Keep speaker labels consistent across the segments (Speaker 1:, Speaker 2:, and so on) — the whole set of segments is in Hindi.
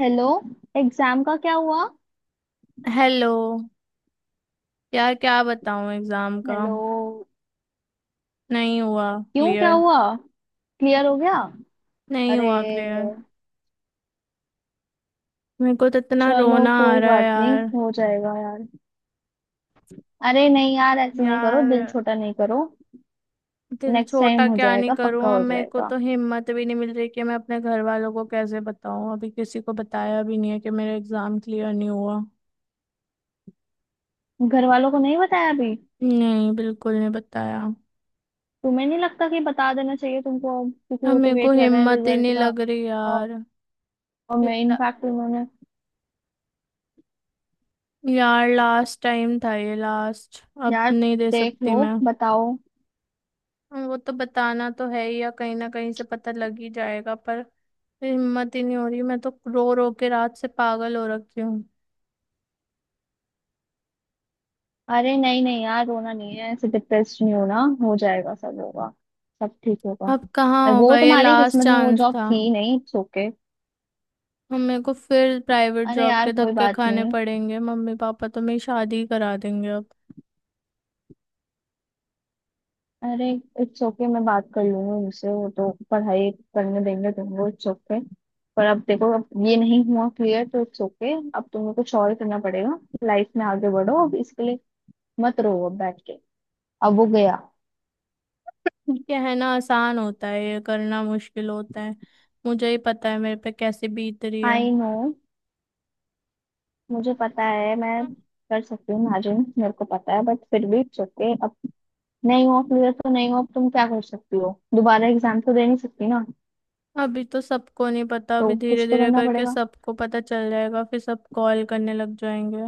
Speaker 1: हेलो। एग्जाम का क्या हुआ?
Speaker 2: हेलो। यार क्या बताऊं एग्जाम का,
Speaker 1: हेलो।
Speaker 2: नहीं हुआ
Speaker 1: क्यों क्या
Speaker 2: क्लियर।
Speaker 1: हुआ? क्लियर हो गया?
Speaker 2: नहीं
Speaker 1: अरे,
Speaker 2: हुआ क्लियर। मेरे को तो इतना
Speaker 1: चलो
Speaker 2: रोना आ
Speaker 1: कोई
Speaker 2: रहा है
Speaker 1: बात नहीं,
Speaker 2: यार।
Speaker 1: हो जाएगा यार। अरे नहीं यार, ऐसे नहीं करो,
Speaker 2: यार
Speaker 1: दिल छोटा नहीं करो।
Speaker 2: दिल
Speaker 1: नेक्स्ट
Speaker 2: छोटा
Speaker 1: टाइम हो
Speaker 2: क्या नहीं
Speaker 1: जाएगा,
Speaker 2: करूं,
Speaker 1: पक्का
Speaker 2: अब
Speaker 1: हो
Speaker 2: मेरे को
Speaker 1: जाएगा।
Speaker 2: तो हिम्मत भी नहीं मिल रही कि मैं अपने घर वालों को कैसे बताऊं। अभी किसी को बताया भी नहीं है कि मेरा एग्जाम क्लियर नहीं हुआ।
Speaker 1: घर वालों को नहीं बताया अभी?
Speaker 2: नहीं, बिल्कुल नहीं बताया।
Speaker 1: तुम्हें नहीं लगता कि बता देना चाहिए तुमको अब, क्योंकि
Speaker 2: अब
Speaker 1: वो तो
Speaker 2: मेरे को
Speaker 1: वेट कर रहे हैं
Speaker 2: हिम्मत ही
Speaker 1: रिजल्ट
Speaker 2: नहीं
Speaker 1: का।
Speaker 2: लग रही यार।
Speaker 1: और
Speaker 2: ये
Speaker 1: मैं
Speaker 2: ला-
Speaker 1: इनफैक्ट उन्होंने
Speaker 2: यार लास्ट टाइम था ये, लास्ट अब
Speaker 1: यार
Speaker 2: नहीं दे
Speaker 1: देख
Speaker 2: सकती
Speaker 1: लो,
Speaker 2: मैं।
Speaker 1: बताओ।
Speaker 2: हाँ, वो तो बताना तो है ही, या कहीं ना कहीं से पता लग ही जाएगा, पर हिम्मत ही नहीं हो रही। मैं तो रो रो के रात से पागल हो रखी हूँ।
Speaker 1: अरे नहीं नहीं यार, रोना नहीं है, ऐसे डिप्रेस नहीं होना, हो जाएगा सब होगा। सब ठीक होगा।
Speaker 2: अब कहाँ
Speaker 1: अरे वो
Speaker 2: होगा, ये
Speaker 1: तुम्हारी
Speaker 2: लास्ट
Speaker 1: किस्मत में वो
Speaker 2: चांस
Speaker 1: जॉब
Speaker 2: था।
Speaker 1: थी नहीं, इट्स ओके।
Speaker 2: हम मेरे को फिर प्राइवेट
Speaker 1: अरे
Speaker 2: जॉब
Speaker 1: यार
Speaker 2: के
Speaker 1: कोई
Speaker 2: धक्के
Speaker 1: बात
Speaker 2: खाने
Speaker 1: नहीं।
Speaker 2: पड़ेंगे। मम्मी पापा तो मेरी शादी ही करा देंगे अब।
Speaker 1: अरे इट्स ओके, मैं बात कर लूंगी उनसे, वो तो पढ़ाई करने देंगे तुमको, इट्स ओके। पर अब देखो, अब ये नहीं हुआ क्लियर तो इट्स ओके, अब तुम्हें कुछ और करना पड़ेगा। लाइफ में आगे बढ़ो अब, इसके लिए मत रो अब बैठ के। अब वो गया।
Speaker 2: ये है ना, आसान होता है ये करना, मुश्किल होता है। मुझे ही पता है मेरे पे कैसे बीत रही है।
Speaker 1: आई नो, मुझे पता है, मैं कर सकती हूँ इमेजिन, मेरे को पता है, बट फिर भी इट्स ओके। अब नहीं हुआ क्लियर तो नहीं हुआ, अब तुम क्या कर सकती हो, दोबारा एग्जाम तो दे नहीं सकती ना,
Speaker 2: अभी तो सबको नहीं पता, अभी
Speaker 1: तो
Speaker 2: धीरे
Speaker 1: कुछ तो
Speaker 2: धीरे
Speaker 1: करना
Speaker 2: करके
Speaker 1: पड़ेगा।
Speaker 2: सबको पता चल जाएगा, फिर सब कॉल करने लग जाएंगे।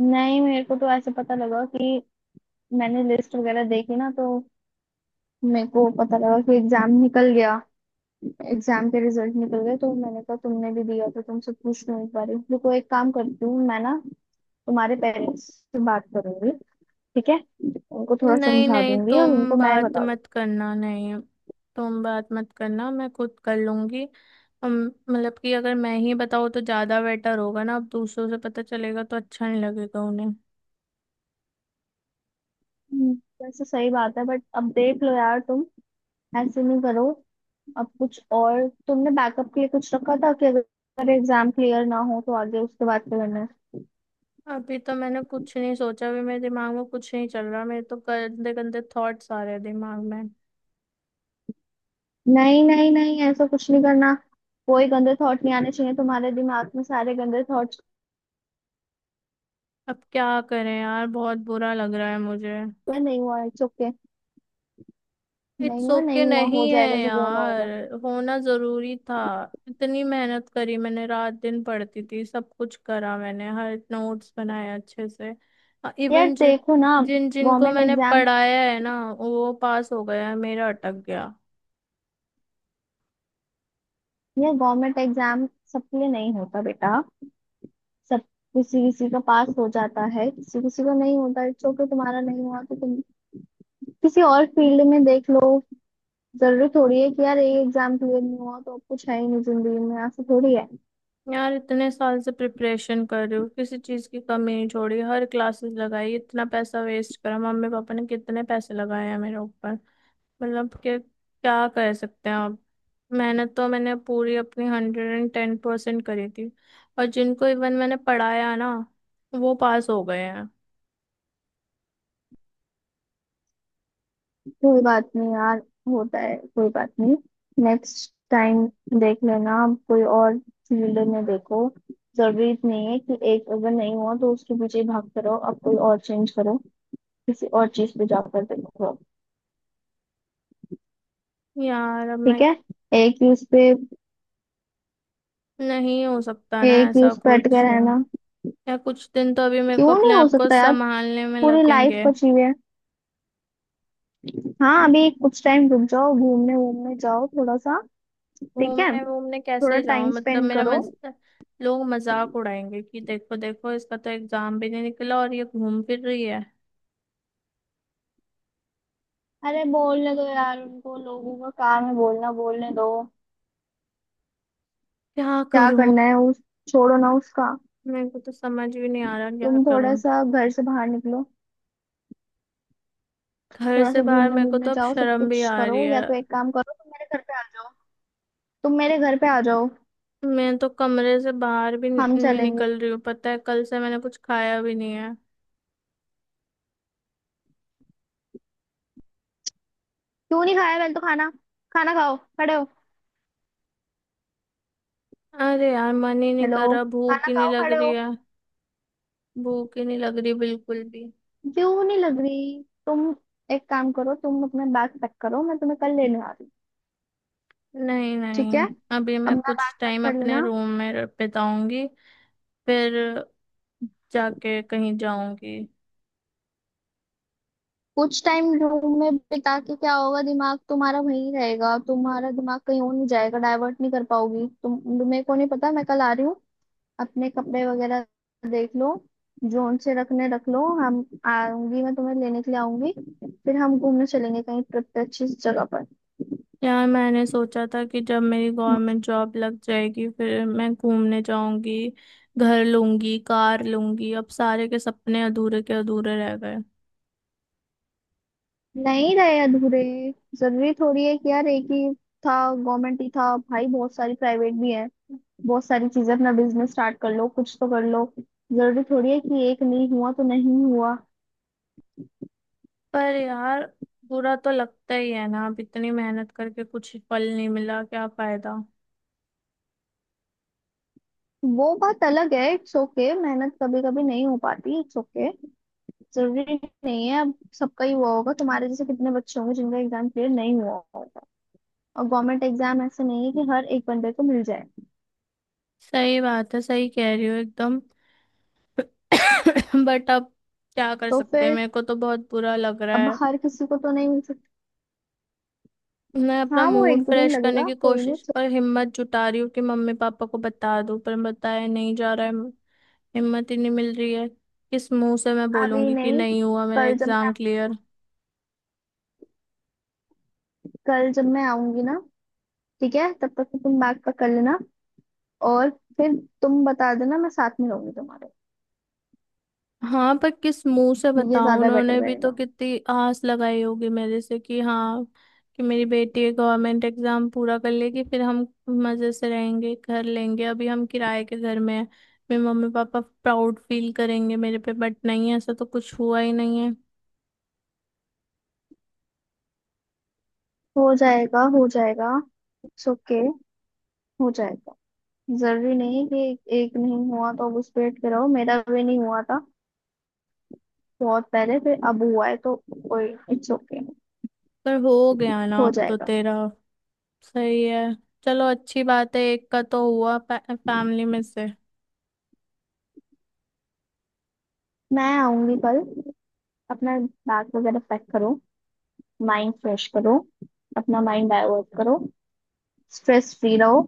Speaker 1: नहीं मेरे को तो ऐसे पता लगा कि मैंने लिस्ट वगैरह देखी ना, तो मेरे को पता लगा कि एग्जाम निकल गया, एग्जाम के रिजल्ट निकल गए, तो मैंने कहा तुमने भी दिया तो तुमसे पूछ लूँ एक बार। देखो, एक काम करती हूँ मैं ना, तुम्हारे पेरेंट्स से बात करूंगी, ठीक है? उनको थोड़ा
Speaker 2: नहीं
Speaker 1: समझा
Speaker 2: नहीं
Speaker 1: दूंगी और
Speaker 2: तुम
Speaker 1: उनको मैं ही
Speaker 2: बात
Speaker 1: बता।
Speaker 2: मत करना नहीं, तुम बात मत करना, मैं खुद कर लूंगी। अम, मतलब कि अगर मैं ही बताऊँ तो ज्यादा बेटर होगा ना। अब दूसरों से पता चलेगा तो अच्छा नहीं लगेगा उन्हें।
Speaker 1: हम्म, वैसे सही बात है, बट अब देख लो यार तुम, ऐसे नहीं करो। अब कुछ और तुमने बैकअप के लिए कुछ रखा था कि अगर एग्जाम क्लियर ना हो तो आगे उसके बाद क्या करना है?
Speaker 2: अभी तो मैंने कुछ नहीं सोचा भी, मेरे दिमाग में कुछ नहीं चल रहा, मेरे तो गंदे गंदे थॉट्स आ रहे हैं दिमाग में।
Speaker 1: नहीं नहीं नहीं, ऐसा कुछ नहीं करना। कोई गंदे थॉट नहीं आने चाहिए तुम्हारे दिमाग में, सारे गंदे थॉट्स।
Speaker 2: अब क्या करें यार, बहुत बुरा लग रहा है मुझे।
Speaker 1: नहीं हुआ इट्स ओके। नहीं
Speaker 2: इट्स
Speaker 1: हुआ
Speaker 2: ओके
Speaker 1: नहीं हुआ, हो
Speaker 2: नहीं है
Speaker 1: जाएगा जब होना
Speaker 2: यार।
Speaker 1: होगा।
Speaker 2: होना जरूरी था। इतनी मेहनत करी मैंने, रात दिन पढ़ती थी, सब कुछ करा मैंने, हर नोट्स बनाए अच्छे से।
Speaker 1: यार
Speaker 2: इवन
Speaker 1: देखो ना,
Speaker 2: जिन जिनको
Speaker 1: गवर्नमेंट
Speaker 2: मैंने
Speaker 1: एग्जाम,
Speaker 2: पढ़ाया है ना, वो पास हो गया है, मेरा अटक गया।
Speaker 1: यार गवर्नमेंट एग्जाम सबके लिए नहीं होता बेटा। सब किसी किसी का पास हो जाता है, किसी किसी को नहीं होता, इट्स ओके। तुम्हारा नहीं हुआ तो तुम किसी और फील्ड में देख लो। जरूरी थोड़ी है कि यार ये एग्जाम क्लियर नहीं हुआ तो अब कुछ है ही नहीं जिंदगी में, ऐसा थोड़ी है।
Speaker 2: यार इतने साल से प्रिपरेशन कर रही हूँ, किसी चीज की कमी नहीं छोड़ी, हर क्लासेस लगाई, इतना पैसा वेस्ट करा, मम्मी पापा ने कितने पैसे लगाए हैं मेरे ऊपर। मतलब कि क्या कर सकते हैं आप। मेहनत तो मैंने पूरी अपनी 110% करी थी। और जिनको इवन मैंने पढ़ाया ना, वो पास हो गए हैं।
Speaker 1: कोई बात नहीं यार, होता है, कोई बात नहीं। नेक्स्ट टाइम देख लेना। अब कोई और फील्ड में देखो। जरूरी नहीं है कि एक अगर नहीं हुआ तो उसके पीछे भागते रहो, अब कोई और चेंज करो, किसी और चीज पे जाकर देखो।
Speaker 2: यार अब मैं,
Speaker 1: ठीक है, एक ही उस पे,
Speaker 2: नहीं हो सकता ना
Speaker 1: एक ही
Speaker 2: ऐसा
Speaker 1: उस पे अटके
Speaker 2: कुछ।
Speaker 1: रहना।
Speaker 2: या कुछ दिन तो अभी मेरे को
Speaker 1: क्यों
Speaker 2: अपने
Speaker 1: नहीं हो
Speaker 2: आप को
Speaker 1: सकता यार?
Speaker 2: संभालने में
Speaker 1: पूरी लाइफ
Speaker 2: लगेंगे।
Speaker 1: बची हुई है। हाँ, अभी कुछ टाइम रुक जाओ, घूमने वूमने जाओ थोड़ा सा। ठीक है,
Speaker 2: घूमने वूमने
Speaker 1: थोड़ा
Speaker 2: कैसे जाऊं,
Speaker 1: टाइम
Speaker 2: मतलब
Speaker 1: स्पेंड
Speaker 2: मेरा
Speaker 1: करो।
Speaker 2: लोग मजाक उड़ाएंगे कि देखो देखो, इसका तो एग्जाम भी नहीं निकला और ये घूम फिर रही है।
Speaker 1: अरे बोलने दो यार उनको, लोगों का काम है बोलना, बोलने दो।
Speaker 2: क्या
Speaker 1: क्या
Speaker 2: करूं,
Speaker 1: करना है उस, छोड़ो ना उसका।
Speaker 2: मेरे को तो समझ भी नहीं आ रहा क्या
Speaker 1: तुम थोड़ा
Speaker 2: करूं।
Speaker 1: सा घर से बाहर निकलो,
Speaker 2: घर
Speaker 1: थोड़ा
Speaker 2: से
Speaker 1: सा
Speaker 2: बाहर,
Speaker 1: घूमने
Speaker 2: मेरे को
Speaker 1: घूमने
Speaker 2: तो अब
Speaker 1: जाओ, सब
Speaker 2: शर्म भी
Speaker 1: कुछ
Speaker 2: आ
Speaker 1: करो।
Speaker 2: रही है।
Speaker 1: या तो एक काम करो, तुम मेरे घर पे आ जाओ, तुम मेरे घर पे आ जाओ,
Speaker 2: मैं तो कमरे से बाहर भी
Speaker 1: हम
Speaker 2: नहीं
Speaker 1: चलेंगे।
Speaker 2: निकल रही हूँ। पता है कल से मैंने कुछ खाया भी नहीं है।
Speaker 1: क्यों नहीं खाया? पहले तो खाना, खाना खाओ खड़े हो।
Speaker 2: अरे यार मन ही नहीं
Speaker 1: हेलो,
Speaker 2: कर रहा, भूख
Speaker 1: खाना
Speaker 2: ही नहीं
Speaker 1: खाओ
Speaker 2: लग
Speaker 1: खड़े
Speaker 2: रही
Speaker 1: हो।
Speaker 2: है। भूख ही नहीं लग रही बिल्कुल भी।
Speaker 1: क्यों नहीं लग रही तुम? एक काम करो, तुम अपना बैग पैक करो, मैं तुम्हें कल लेने आ रही हूँ।
Speaker 2: नहीं
Speaker 1: ठीक है,
Speaker 2: नहीं, अभी मैं
Speaker 1: अपना
Speaker 2: कुछ
Speaker 1: बैग पैक
Speaker 2: टाइम
Speaker 1: कर
Speaker 2: अपने
Speaker 1: लेना।
Speaker 2: रूम में बिताऊंगी। फिर जाके कहीं जाऊंगी।
Speaker 1: कुछ टाइम रूम में बिता के क्या होगा? दिमाग तुम्हारा वहीं रहेगा, तुम्हारा दिमाग कहीं और नहीं जाएगा, डाइवर्ट नहीं कर पाओगी तुम। मेरे को नहीं पता, मैं कल आ रही हूँ। अपने कपड़े वगैरह देख लो, जोन से रखने रख लो, हम आऊंगी, मैं तुम्हें लेने के लिए आऊंगी, फिर हम घूमने चलेंगे कहीं ट्रिप पे अच्छी जगह पर।
Speaker 2: यार मैंने सोचा था कि जब मेरी गवर्नमेंट जॉब लग जाएगी, फिर मैं घूमने जाऊंगी, घर लूंगी, कार लूंगी। अब सारे के सपने अधूरे के अधूरे रह गए।
Speaker 1: नहीं रहे अधूरे। जरूरी थोड़ी है कि यार एक ही था, गवर्नमेंट ही था भाई। बहुत सारी प्राइवेट भी है, बहुत सारी चीजें, अपना बिजनेस स्टार्ट कर लो, कुछ तो कर लो। जरूरी थोड़ी है कि एक नहीं हुआ तो नहीं हुआ।
Speaker 2: पर यार बुरा तो लगता ही है ना, अब इतनी मेहनत करके कुछ फल नहीं मिला, क्या फायदा।
Speaker 1: वो बात अलग है, इट्स ओके। मेहनत कभी कभी नहीं हो पाती, इट्स ओके। जरूरी नहीं है अब। सबका ही हुआ होगा, तुम्हारे जैसे कितने बच्चे होंगे जिनका एग्जाम क्लियर नहीं हुआ होगा। और गवर्नमेंट एग्जाम ऐसे नहीं है कि हर एक बंदे को मिल जाए।
Speaker 2: सही बात है, सही कह रही हो एकदम। बट अब क्या कर
Speaker 1: तो
Speaker 2: सकते हैं,
Speaker 1: फिर,
Speaker 2: मेरे को तो बहुत बुरा लग रहा
Speaker 1: अब
Speaker 2: है।
Speaker 1: हर किसी को तो नहीं मिल सकता।
Speaker 2: मैं अपना
Speaker 1: हाँ वो
Speaker 2: मूड
Speaker 1: एक दो दिन
Speaker 2: फ्रेश करने
Speaker 1: लगेगा,
Speaker 2: की
Speaker 1: कोई नहीं।
Speaker 2: कोशिश पर हिम्मत जुटा रही हूँ कि मम्मी पापा को बता दूं, पर बताया नहीं जा रहा है। हिम्मत ही नहीं मिल रही है। किस मुंह से मैं
Speaker 1: अभी
Speaker 2: बोलूंगी कि
Speaker 1: नहीं,
Speaker 2: नहीं हुआ मेरा
Speaker 1: कल जब मैं,
Speaker 2: एग्जाम क्लियर।
Speaker 1: कल जब मैं आऊंगी ना, ठीक है, तब तक तो तुम बैग पैक कर लेना, और फिर तुम बता देना, मैं साथ में रहूंगी तुम्हारे।
Speaker 2: हाँ, पर किस मुंह से
Speaker 1: ये
Speaker 2: बताऊं,
Speaker 1: ज्यादा बेटर
Speaker 2: उन्होंने भी तो
Speaker 1: रहेगा।
Speaker 2: कितनी आस लगाई होगी मेरे से कि हाँ, कि मेरी बेटी गवर्नमेंट एग्जाम पूरा कर लेगी, फिर हम मजे से रहेंगे, घर लेंगे, अभी हम किराए के घर में हैं। मेरे मम्मी पापा प्राउड फील करेंगे मेरे पे, बट नहीं, ऐसा तो कुछ हुआ ही नहीं है।
Speaker 1: हो जाएगा हो जाएगा, इट्स ओके, हो जाएगा। जरूरी नहीं कि एक नहीं हुआ तो अब उस पे अटके रहो। मेरा भी नहीं हुआ था बहुत पहले, फिर अब हुआ है तो कोई, इट्स ओके,
Speaker 2: पर हो गया ना
Speaker 1: हो
Speaker 2: अब तो
Speaker 1: जाएगा।
Speaker 2: तेरा। सही है। चलो अच्छी बात है, एक का तो हुआ फैमिली में से।
Speaker 1: मैं आऊंगी कल, अपना बैग वगैरह पैक करो, माइंड फ्रेश करो, अपना माइंड डाइवर्ट करो, स्ट्रेस फ्री रहो,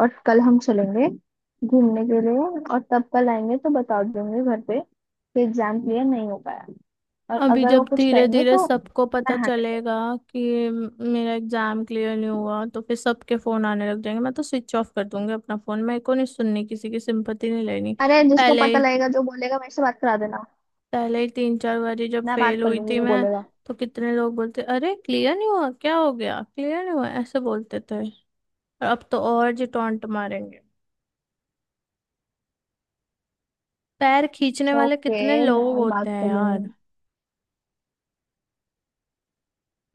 Speaker 1: और कल हम चलेंगे घूमने के लिए, और तब कल आएंगे तो बता देंगे घर पे कि एग्जाम क्लियर नहीं हो पाया, और
Speaker 2: अभी
Speaker 1: अगर वो
Speaker 2: जब
Speaker 1: कुछ
Speaker 2: धीरे
Speaker 1: कहेंगे
Speaker 2: धीरे
Speaker 1: तो
Speaker 2: सबको
Speaker 1: मैं
Speaker 2: पता
Speaker 1: हैंडल करूँ।
Speaker 2: चलेगा कि मेरा एग्जाम क्लियर नहीं हुआ, तो फिर सबके फोन आने लग जाएंगे। मैं तो स्विच ऑफ कर दूंगी अपना फोन, मेरे को नहीं सुननी किसी की सिंपत्ति, नहीं लेनी।
Speaker 1: अरे जिसको
Speaker 2: पहले
Speaker 1: पता
Speaker 2: ही
Speaker 1: लगेगा, जो बोलेगा मेरे से बात करा देना,
Speaker 2: पहले ही तीन चार बारी जब
Speaker 1: मैं
Speaker 2: फेल
Speaker 1: बात कर
Speaker 2: हुई
Speaker 1: लूंगी
Speaker 2: थी
Speaker 1: जो
Speaker 2: मैं,
Speaker 1: बोलेगा।
Speaker 2: तो कितने लोग बोलते, अरे क्लियर नहीं हुआ, क्या हो गया क्लियर नहीं हुआ, ऐसे बोलते थे। और अब तो और जी टॉन्ट मारेंगे। पैर खींचने
Speaker 1: सो
Speaker 2: वाले
Speaker 1: ओके,
Speaker 2: कितने लोग
Speaker 1: मैं बात
Speaker 2: होते हैं
Speaker 1: कर
Speaker 2: यार।
Speaker 1: लूंगी।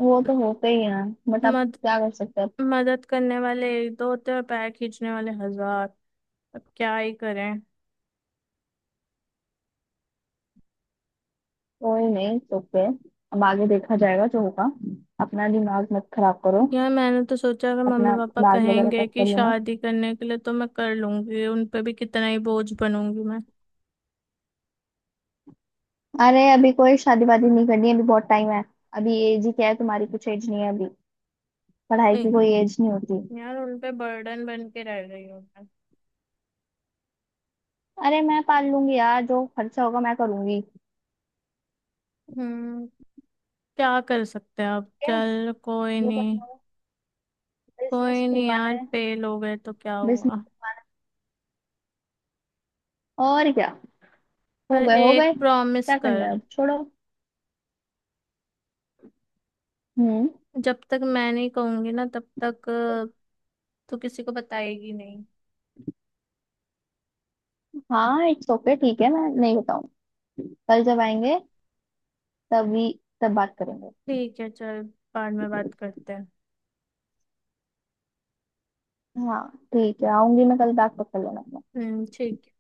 Speaker 1: वो तो होते ही हैं, बट अब
Speaker 2: मद
Speaker 1: क्या कर सकते हैं।
Speaker 2: मदद करने वाले एक दो होते हैं और पैर खींचने वाले हजार। अब क्या ही करें।
Speaker 1: कोई नहीं, ओके। अब आगे देखा जाएगा जो होगा, अपना दिमाग मत खराब करो।
Speaker 2: यार मैंने तो सोचा अगर मम्मी
Speaker 1: अपना
Speaker 2: पापा
Speaker 1: बैग वगैरह
Speaker 2: कहेंगे
Speaker 1: पैक
Speaker 2: कि
Speaker 1: कर लेना।
Speaker 2: शादी करने के लिए, तो मैं कर लूंगी। उन पे भी कितना ही बोझ बनूंगी मैं।
Speaker 1: अरे अभी कोई शादी वादी नहीं करनी है, अभी बहुत टाइम है। अभी एज ही क्या है तुम्हारी, कुछ एज नहीं है अभी। पढ़ाई
Speaker 2: ए,
Speaker 1: की कोई एज नहीं होती।
Speaker 2: यार उन पे बर्डन बन के रह रही हूँ मैं।
Speaker 1: अरे मैं पाल लूंगी यार, जो खर्चा होगा मैं करूंगी, ठीक
Speaker 2: हम्म, क्या कर सकते हैं अब,
Speaker 1: है,
Speaker 2: चल कोई
Speaker 1: जो
Speaker 2: नहीं।
Speaker 1: करना हो। बिजनेस
Speaker 2: कोई नहीं
Speaker 1: खुलवाना
Speaker 2: यार,
Speaker 1: है,
Speaker 2: फेल हो गए तो क्या
Speaker 1: बिजनेस
Speaker 2: हुआ।
Speaker 1: खुलवाना है, और क्या। हो
Speaker 2: पर
Speaker 1: गए हो गए,
Speaker 2: एक प्रॉमिस
Speaker 1: क्या करना
Speaker 2: कर,
Speaker 1: है अब, छोड़ो। हम्म।
Speaker 2: जब तक मैं नहीं कहूंगी ना तब तक तू किसी को बताएगी नहीं।
Speaker 1: हाँ इट्स ओके, ठीक है, मैं नहीं बताऊँ। कल जब आएंगे तभी, तब बात करेंगे।
Speaker 2: ठीक है, चल बाद में बात करते हैं।
Speaker 1: हाँ ठीक है, आऊंगी मैं कल, बैग पकड़ लेना।
Speaker 2: हम्म, ठीक है।